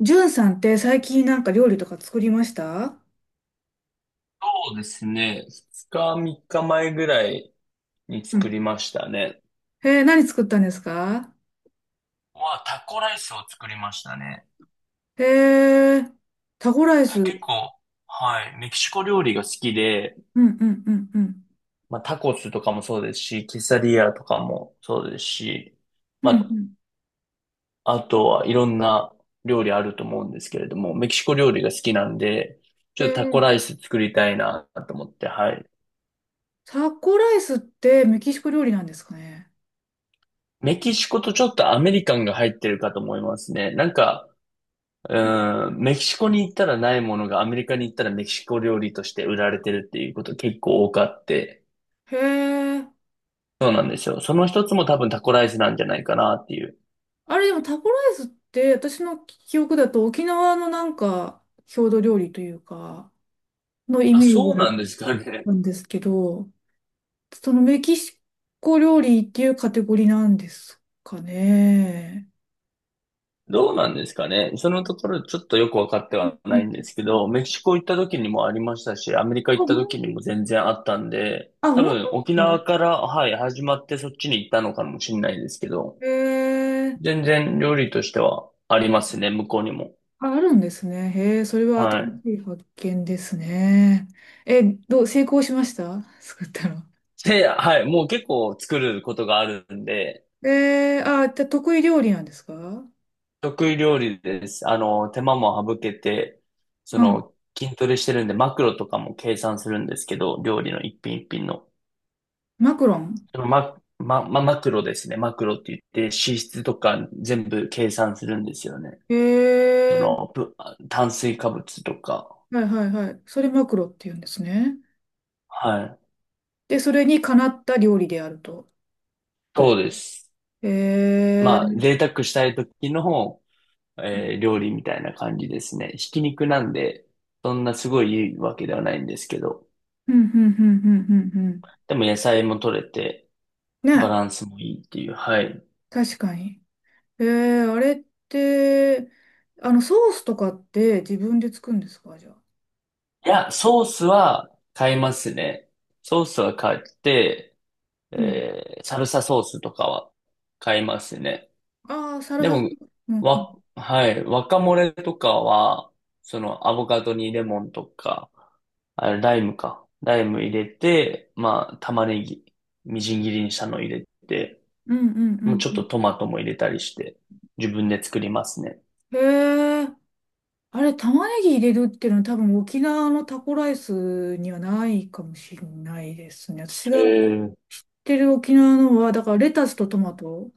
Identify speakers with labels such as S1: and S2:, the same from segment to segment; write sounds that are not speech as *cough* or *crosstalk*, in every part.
S1: ジュンさんって最近なんか料理とか作りました？
S2: そうですね。2日、3日前ぐらいに
S1: う
S2: 作
S1: ん。
S2: りましたね。
S1: へえ、何作ったんですか？
S2: は、タコライスを作りましたね。
S1: へえ、タコライス。う
S2: 結
S1: ん。
S2: 構、はい、メキシコ料理が好きで、
S1: うんうんうん。
S2: まあ、タコスとかもそうですし、ケサディアとかもそうですし、
S1: うん
S2: ま
S1: う
S2: あ、
S1: ん。
S2: あとはいろんな料理あると思うんですけれども、メキシコ料理が好きなんで、ち
S1: へ
S2: ょっと
S1: え、
S2: タコライス作りたいなと思って、はい。
S1: タコライスってメキシコ料理なんですかね？
S2: メキシコとちょっとアメリカンが入ってるかと思いますね。なんか、うん、メキシコに行ったらないものがアメリカに行ったらメキシコ料理として売られてるっていうこと結構多くあって、
S1: へえ、
S2: そうなんですよ。その一つも多分タコライスなんじゃないかなっていう。
S1: あれでもタコライスって私の記憶だと沖縄のなんか郷土料理というかのイ
S2: あ、
S1: メージ
S2: そう
S1: だ
S2: な
S1: っ
S2: んですかね。
S1: たんですけど、そのメキシコ料理っていうカテゴリーなんですかね？
S2: どうなんですかね。そのところちょっとよくわかって
S1: うん
S2: は
S1: う
S2: ないんで
S1: ん。
S2: すけど、メキシコ行った時にもありましたし、アメリカ
S1: あ、
S2: 行った時にも全然あったんで、多
S1: 本当で
S2: 分沖
S1: すか？
S2: 縄から、はい、始まってそっちに行ったのかもしれないですけど、
S1: へえ、
S2: 全然料理としてはありますね、向こうにも。
S1: あ、あるんですね。へえ、それは
S2: は
S1: 新
S2: い。
S1: しい発見ですね。え、どう、成功しました、作ったの？
S2: で、はい、もう結構作ることがあるんで、
S1: あ、じゃあ得意料理なんですか？
S2: 得意料理です。あの、手間も省けて、そ
S1: うん。
S2: の、筋トレしてるんで、マクロとかも計算するんですけど、料理の一品一品の。
S1: マクロン？
S2: そのマ、ま、ま、マクロですね。マクロって言って、脂質とか全部計算するんですよね。
S1: へ
S2: そ
S1: え。
S2: の、ぶ炭水化物とか。
S1: はいはいはい。それマクロって言うんですね。
S2: はい。
S1: で、それにかなった料理であると。どうで
S2: そ
S1: す？
S2: うです。
S1: へえ。
S2: まあ、贅沢したい時の料理みたいな感じですね。ひき肉なんで、そんなすごいいいわけではないんですけど、
S1: うんうんうんうんうんうん。
S2: でも野菜も取れて、バ
S1: ね、
S2: ランスもいいっていう、はい。
S1: 確かに。あれって、ソースとかって自分で作るんですか、じゃあ。
S2: いや、ソースは買いますね。ソースは買って、
S1: うん。
S2: サルサソースとかは買いますね。
S1: ああ、サラ
S2: で
S1: サ、
S2: も、
S1: うんうん。
S2: はい、ワカモレとかは、そのアボカドにレモンとか、あれ、ライムか。ライム入れて、まあ、玉ねぎ、みじん切りにしたの入れて、
S1: うんうん
S2: もうちょっ
S1: うん
S2: とトマトも入れたりして、自分で作りますね。
S1: うん。へえ、あれ、玉ねぎ入れるっていうのは多分沖縄のタコライスにはないかもしれないですね。私
S2: え
S1: が知っ
S2: ー、
S1: てる沖縄のは、だからレタスとトマト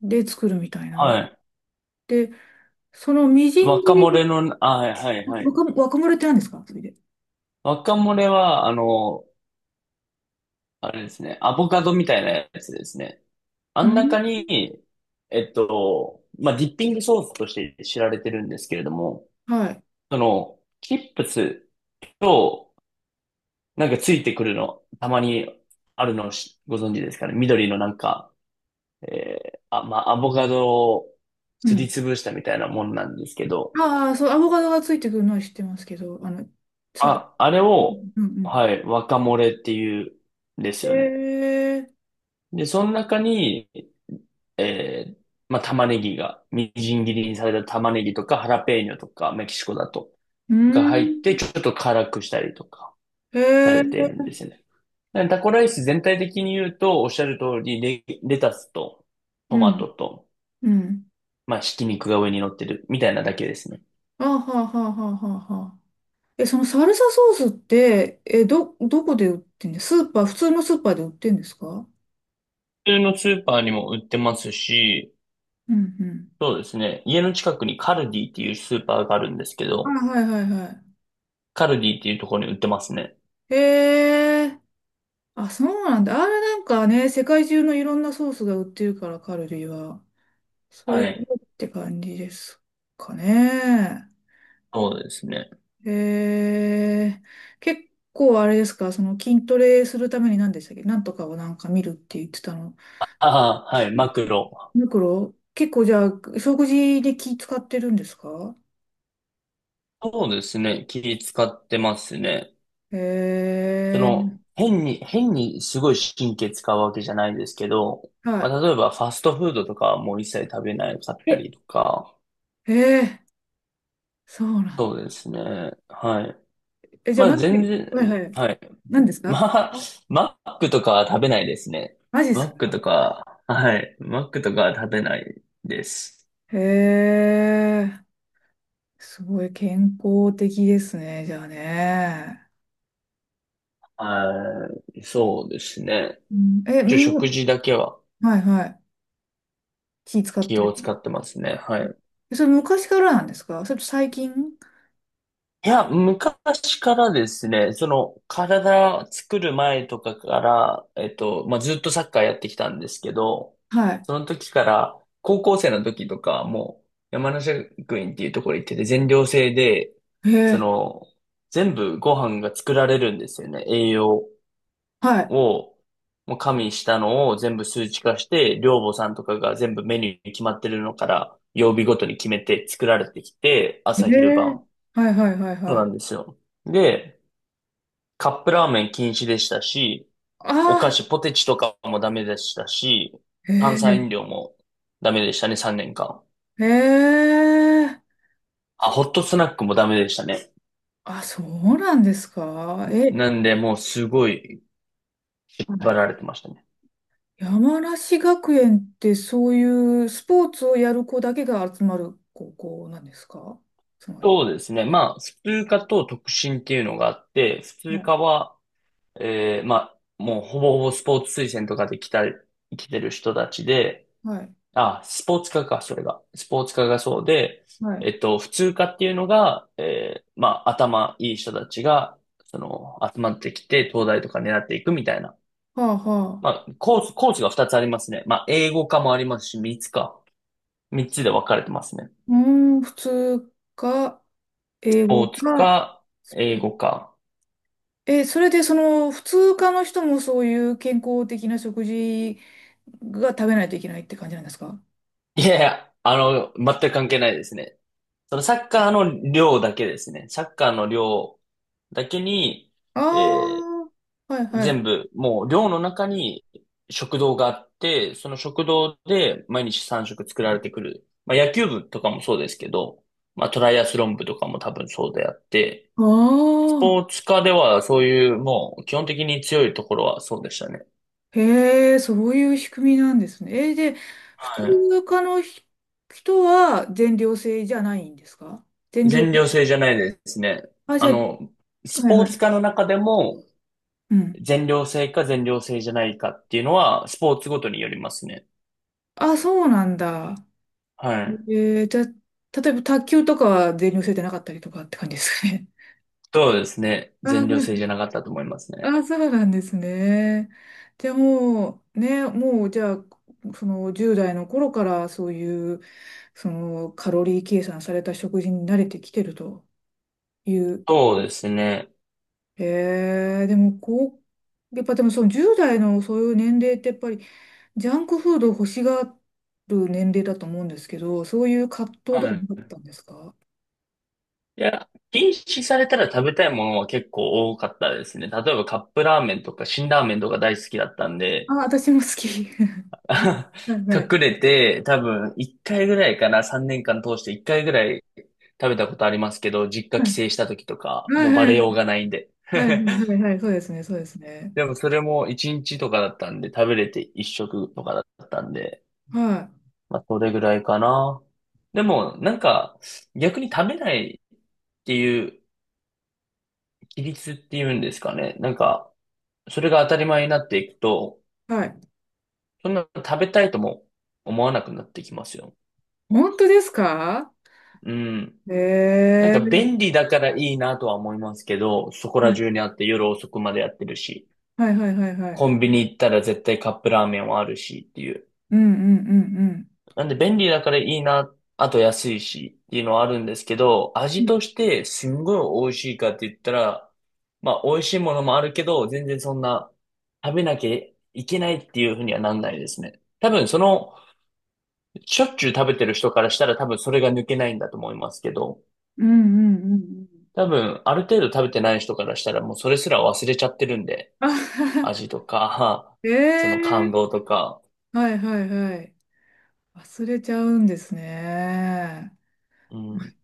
S1: で作るみたいな。
S2: はい。
S1: で、そのみじん
S2: 若
S1: 切
S2: 漏れ
S1: り。
S2: の、あ、はい、はい、はい。
S1: 若むらって何ですかそれで？
S2: 若漏れは、あの、あれですね、アボカドみたいなやつですね。
S1: う
S2: あん
S1: ん。
S2: 中に、まあ、ディッピングソースとして知られてるんですけれども、
S1: はい。
S2: その、チップスと、なんかついてくるの、たまにあるのしご存知ですかね。緑のなんか、えまあ、アボカドを
S1: う
S2: すり
S1: ん。
S2: つぶしたみたいなもんなんですけど、
S1: ああ、そう、アボカドがついてくるのは知ってますけど、う
S2: あれを、
S1: んうん。
S2: はい、若漏れっていうんで
S1: へ
S2: すよね。
S1: え、
S2: で、その中に、えー、まあ、玉ねぎが、みじん切りにされた玉ねぎとか、ハラペーニョとか、メキシコだと、
S1: う
S2: が入って、
S1: ん、
S2: ちょっと辛くしたりとか、
S1: へ
S2: さ
S1: え、
S2: れているんですよね。でタコライス全体的に言うと、おっしゃる通り、レタスと、ト
S1: う
S2: マ
S1: ん、
S2: トと、
S1: うん。
S2: まあ、ひき肉が上に乗ってる、みたいなだけですね。
S1: あはあはあはあはあはあ。え、そのサルサソースって、どこで売ってんです？スーパー、普通のスーパーで売ってんですか？
S2: 普通のスーパーにも売ってますし、
S1: うんうん。
S2: そうですね。家の近くにカルディっていうスーパーがあるんですけ
S1: あ、
S2: ど、
S1: はいはいは
S2: カルディっていうところに売ってますね。
S1: い。へえ。あ、そうなんだ。あれなんかね、世界中のいろんなソースが売ってるから、カルディは。そ
S2: は
S1: れっ
S2: はい。い。
S1: て感じですかね？
S2: そうですね。
S1: 結構あれですか、その筋トレするために何でしたっけ、なんとかをなんか見るって言ってたの。
S2: ああ、はい、マクロ。
S1: ミクロ？結構じゃあ、食事で気使ってるんですか？
S2: そうですね。気使ってますね。そ
S1: え
S2: の、
S1: ー、
S2: 変にすごい神経使うわけじゃないですけど、ま
S1: は
S2: あ、例えばファストフードとかはもう一切食べなかっ
S1: い。
S2: た
S1: え、
S2: りとか、
S1: えー、そうなん
S2: そ
S1: だ。
S2: うですね。はい。
S1: え、じゃあ、
S2: ま
S1: マ
S2: あ、全
S1: ジ、はい
S2: 然、
S1: はい。
S2: はい。
S1: 何です
S2: *laughs*
S1: か？
S2: まあ、マックとかは食べないですね。
S1: マジで
S2: マ
S1: す
S2: ック
S1: か？
S2: とか、はい。マックとかは食べないです。
S1: へえ。すごい健康的ですね、じゃあね。
S2: はい。そうですね。
S1: うんえ、
S2: 一応
S1: う
S2: 食
S1: ん、
S2: 事だけは
S1: はいはい。気使っ
S2: 気
S1: てる。
S2: を使ってますね。はい。
S1: それ昔からなんですか？それと最近？
S2: いや、昔からですね、その、体作る前とかから、まあ、ずっとサッカーやってきたんですけど、
S1: は
S2: その時から、高校生の時とか、もう、山梨学院っていうところ行ってて、全寮制で、
S1: い。へ
S2: そ
S1: え、
S2: の、全部ご飯が作られるんですよね、栄養。
S1: は
S2: を、もう加味したのを全部数値化して、寮母さんとかが全部メニューに決まってるのから、曜日ごとに決めて作られてきて、
S1: い。へ
S2: 朝昼
S1: え、
S2: 晩。
S1: はいはいはい
S2: そう
S1: は
S2: な
S1: い。
S2: んですよ。で、カップラーメン禁止でしたし、お菓
S1: あ
S2: 子、ポテチとかもダメでしたし、
S1: あ、へ
S2: 炭酸
S1: え、
S2: 飲料もダメでしたね、3年間。
S1: へえ。
S2: あ、ホットスナックもダメでしたね。
S1: あ、そうなんですか。
S2: ん
S1: え、
S2: なんで、もうすごい、
S1: は
S2: 縛
S1: い。
S2: られてましたね。
S1: 山梨学園ってそういうスポーツをやる子だけが集まる高校なんですか、つまり？
S2: そうですね。まあ、普通科と特進っていうのがあって、普
S1: は
S2: 通
S1: い、
S2: 科は、まあ、もうほぼほぼスポーツ推薦とかで来た、来てる人たちで、
S1: はい、
S2: あ、スポーツ科か、それが。スポーツ科がそうで、
S1: はい。
S2: 普通科っていうのが、まあ、頭いい人たちが、その、集まってきて、東大とか狙っていくみたいな。
S1: はあは
S2: ま
S1: あ。
S2: あ、コースが2つありますね。まあ、英語科もありますし、3つか。3つで分かれてますね。
S1: うーん、普通か、
S2: ス
S1: 英
S2: ポ
S1: 語
S2: ーツ
S1: か。
S2: 科、英語科。
S1: え、それでその普通科の人もそういう健康的な食事が食べないといけないって感じなんですか？
S2: いやいや、あの、全く関係ないですね。そのサッカーの量だけですね。サッカーの量だけに、
S1: あ
S2: えー
S1: あー、はいは
S2: 全
S1: い。
S2: 部、もう寮の中に食堂があって、その食堂で毎日3食作られてくる。まあ野球部とかもそうですけど、まあトライアスロン部とかも多分そうであって、
S1: あ
S2: スポ
S1: あ、
S2: ーツ科ではそういうもう基本的に強いところはそうでしたね。
S1: へえ、そういう仕組みなんですね。で、普
S2: はい。
S1: 通科の人は全寮制じゃないんですか？全寮。
S2: 全寮制じゃないですね。
S1: あ、じ
S2: あ
S1: ゃ
S2: の、
S1: あ。
S2: ス
S1: はい
S2: ポ
S1: は
S2: ーツ科
S1: い。
S2: の中でも
S1: うん。
S2: 全寮制か全寮制じゃないかっていうのは、スポーツごとによりますね。
S1: あ、そうなんだ。
S2: はい。
S1: じゃあ、例えば卓球とかは全寮制でなかったりとかって感じですかね？
S2: そうですね。
S1: *laughs* あ
S2: 全
S1: ー、
S2: 寮
S1: は
S2: 制
S1: い。
S2: じゃなかったと思いますね。
S1: あ、そうなんですね。でもう、ね、もうじゃあ、その10代の頃からそういう、そのカロリー計算された食事に慣れてきてるという。
S2: そうですね。
S1: でもこう、やっぱでもその10代のそういう年齢ってやっぱりジャンクフードを欲しがる年齢だと思うんですけど、そういう葛藤
S2: は
S1: とかもあっ
S2: い。
S1: たんですか？
S2: いや、禁止されたら食べたいものは結構多かったですね。例えばカップラーメンとか辛ラーメンとか大好きだったん
S1: あ、
S2: で、
S1: 私も好き。*laughs*
S2: *laughs*
S1: はいはい。
S2: 隠れて多分1回ぐらいかな、3年間通して1回ぐらい食べたことありますけど、実家
S1: はい
S2: 帰省した時とか、
S1: は
S2: もうバレ
S1: い
S2: ようがないんで。
S1: はいはい
S2: *laughs*
S1: はいはいはいそうですねそうですね。
S2: でもそれも1日とかだったんで、食べれて1食とかだったんで、
S1: は
S2: まあそれぐらいかな。でもなんか逆に食べないっていう規律っていうんですかね。なんかそれが当たり前になっていくと、
S1: い。はい。
S2: そんな食べたいとも思わなくなってきますよ。
S1: 本当ですか？
S2: うん。
S1: へ
S2: なん
S1: え
S2: か
S1: ー。
S2: 便利だからいいなとは思いますけど、そこ
S1: は
S2: ら
S1: い
S2: 中にあって夜遅くまでやってるし、
S1: はいはいはいはい。
S2: コンビニ行ったら絶対カップラーメンはあるしっていう。
S1: うんうんうんうん。
S2: なんで便利だからいいな、あと安いしっていうのはあるんですけど、
S1: う
S2: 味
S1: ん。
S2: としてすんごい美味しいかって言ったら、まあ美味しいものもあるけど、全然そんな食べなきゃいけないっていうふうにはなんないですね。多分その、しょっちゅう食べてる人からしたら多分それが抜けないんだと思いますけど、
S1: うんうんうんうん。
S2: 多分ある程度食べてない人からしたらもうそれすら忘れちゃってるんで、
S1: *laughs* あは
S2: 味
S1: は
S2: とか、その感
S1: ええ
S2: 動とか、
S1: ーはいはいはい。忘れちゃうんですね。
S2: うん。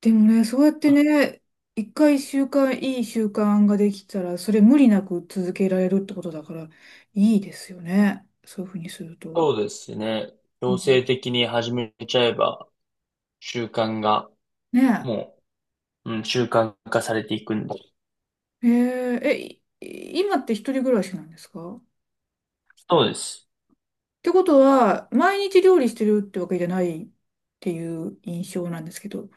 S1: でもね、そうやってね、一回習慣、いい習慣ができたら、それ無理なく続けられるってことだから、いいですよね。そういうふうにすると。
S2: そうですね。
S1: う
S2: 強
S1: ん、
S2: 制的に始めちゃえば、習慣が、
S1: ね
S2: もう、うん、習慣化されていくんで。
S1: え。今って一人暮らしなんですか？
S2: そうです。
S1: ってことは、毎日料理してるってわけじゃないっていう印象なんですけど、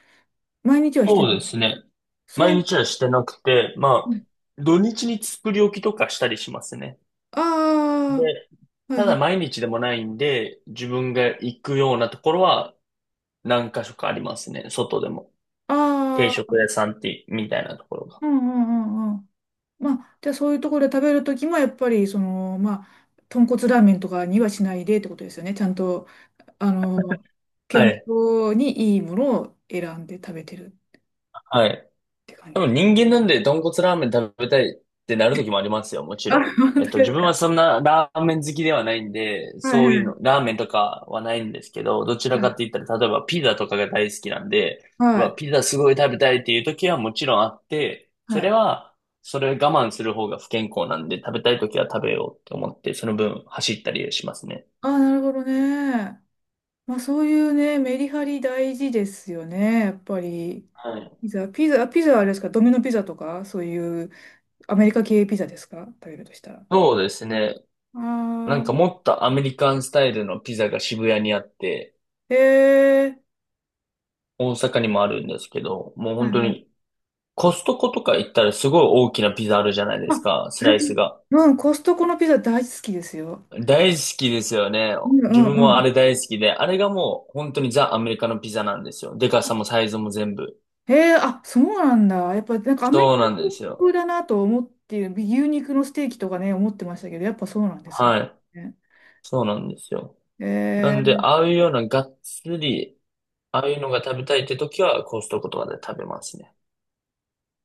S1: 毎日はして
S2: そう
S1: な
S2: で
S1: い？
S2: すね。
S1: そ
S2: 毎
S1: う。
S2: 日はしてなくて、まあ、土日に作り置きとかしたりしますね。
S1: あ
S2: で、
S1: あー、はい
S2: た
S1: は
S2: だ
S1: い。
S2: 毎日でもないんで、自分が行くようなところは何箇所かありますね。外でも。定
S1: あ
S2: 食
S1: あ、
S2: 屋さんって、みたいなところが。
S1: うんうんうんうん。まあ、じゃあそういうところで食べるときも、やっぱり、その、まあ、豚骨ラーメンとかにはしないでってことですよね。ちゃんと、あの、健
S2: はい。
S1: 康にいいものを選んで食べてるっ
S2: はい。
S1: て感じ
S2: 多
S1: で
S2: 分
S1: す。
S2: 人間なんで豚骨ラーメン食べたいってなる時もありますよ、もち
S1: あ、
S2: ろ
S1: 本当
S2: ん。えっと、
S1: で
S2: 自
S1: す
S2: 分は
S1: か？
S2: そんなラーメン好きではないんで、
S1: はい
S2: そ
S1: は
S2: ういうの、
S1: い。
S2: ラーメンとかはないんですけど、どちら
S1: は
S2: か
S1: い。
S2: って言ったら、例えばピザとかが大好きなんで、う
S1: は
S2: わ、
S1: い。
S2: ピザすごい食べたいっていう時はもちろんあって、
S1: は
S2: それ
S1: い。
S2: は、それ我慢する方が不健康なんで、食べたい時は食べようって思って、その分走ったりしますね。
S1: ああ、なるほどね。まあそういうね、メリハリ大事ですよね、やっぱり。
S2: はい。
S1: ピザはあれですか、ドミノピザとか、そういうアメリカ系ピザですか、食べるとしたら。
S2: そうですね。な
S1: あ
S2: んか
S1: あ、
S2: もっとアメリカンスタイルのピザが渋谷にあって、
S1: へえ。
S2: 大阪にもあるんですけど、もう
S1: は
S2: 本
S1: い
S2: 当
S1: はい。
S2: に、コストコとか行ったらすごい大きなピザあるじゃないです
S1: あ、
S2: か、スライス
S1: 私 *laughs*
S2: が。
S1: うん、コストコのピザ大好きですよ。
S2: 大好きですよね。
S1: うんう
S2: 自分
S1: んう
S2: もあ
S1: ん。
S2: れ大好きで、あれがもう本当にザ・アメリカのピザなんですよ。でかさもサイズも全部。
S1: へえ、あ、そうなんだ。やっぱなんかアメリ
S2: そう
S1: カ
S2: なんですよ。
S1: 風だなと思っている、牛肉のステーキとかね、思ってましたけど、やっぱそうなんですね。
S2: はい。そうなんですよ。
S1: へ
S2: なんで、
S1: え。
S2: ああいうようながっつり、ああいうのが食べたいって時は、コストコとかで食べますね。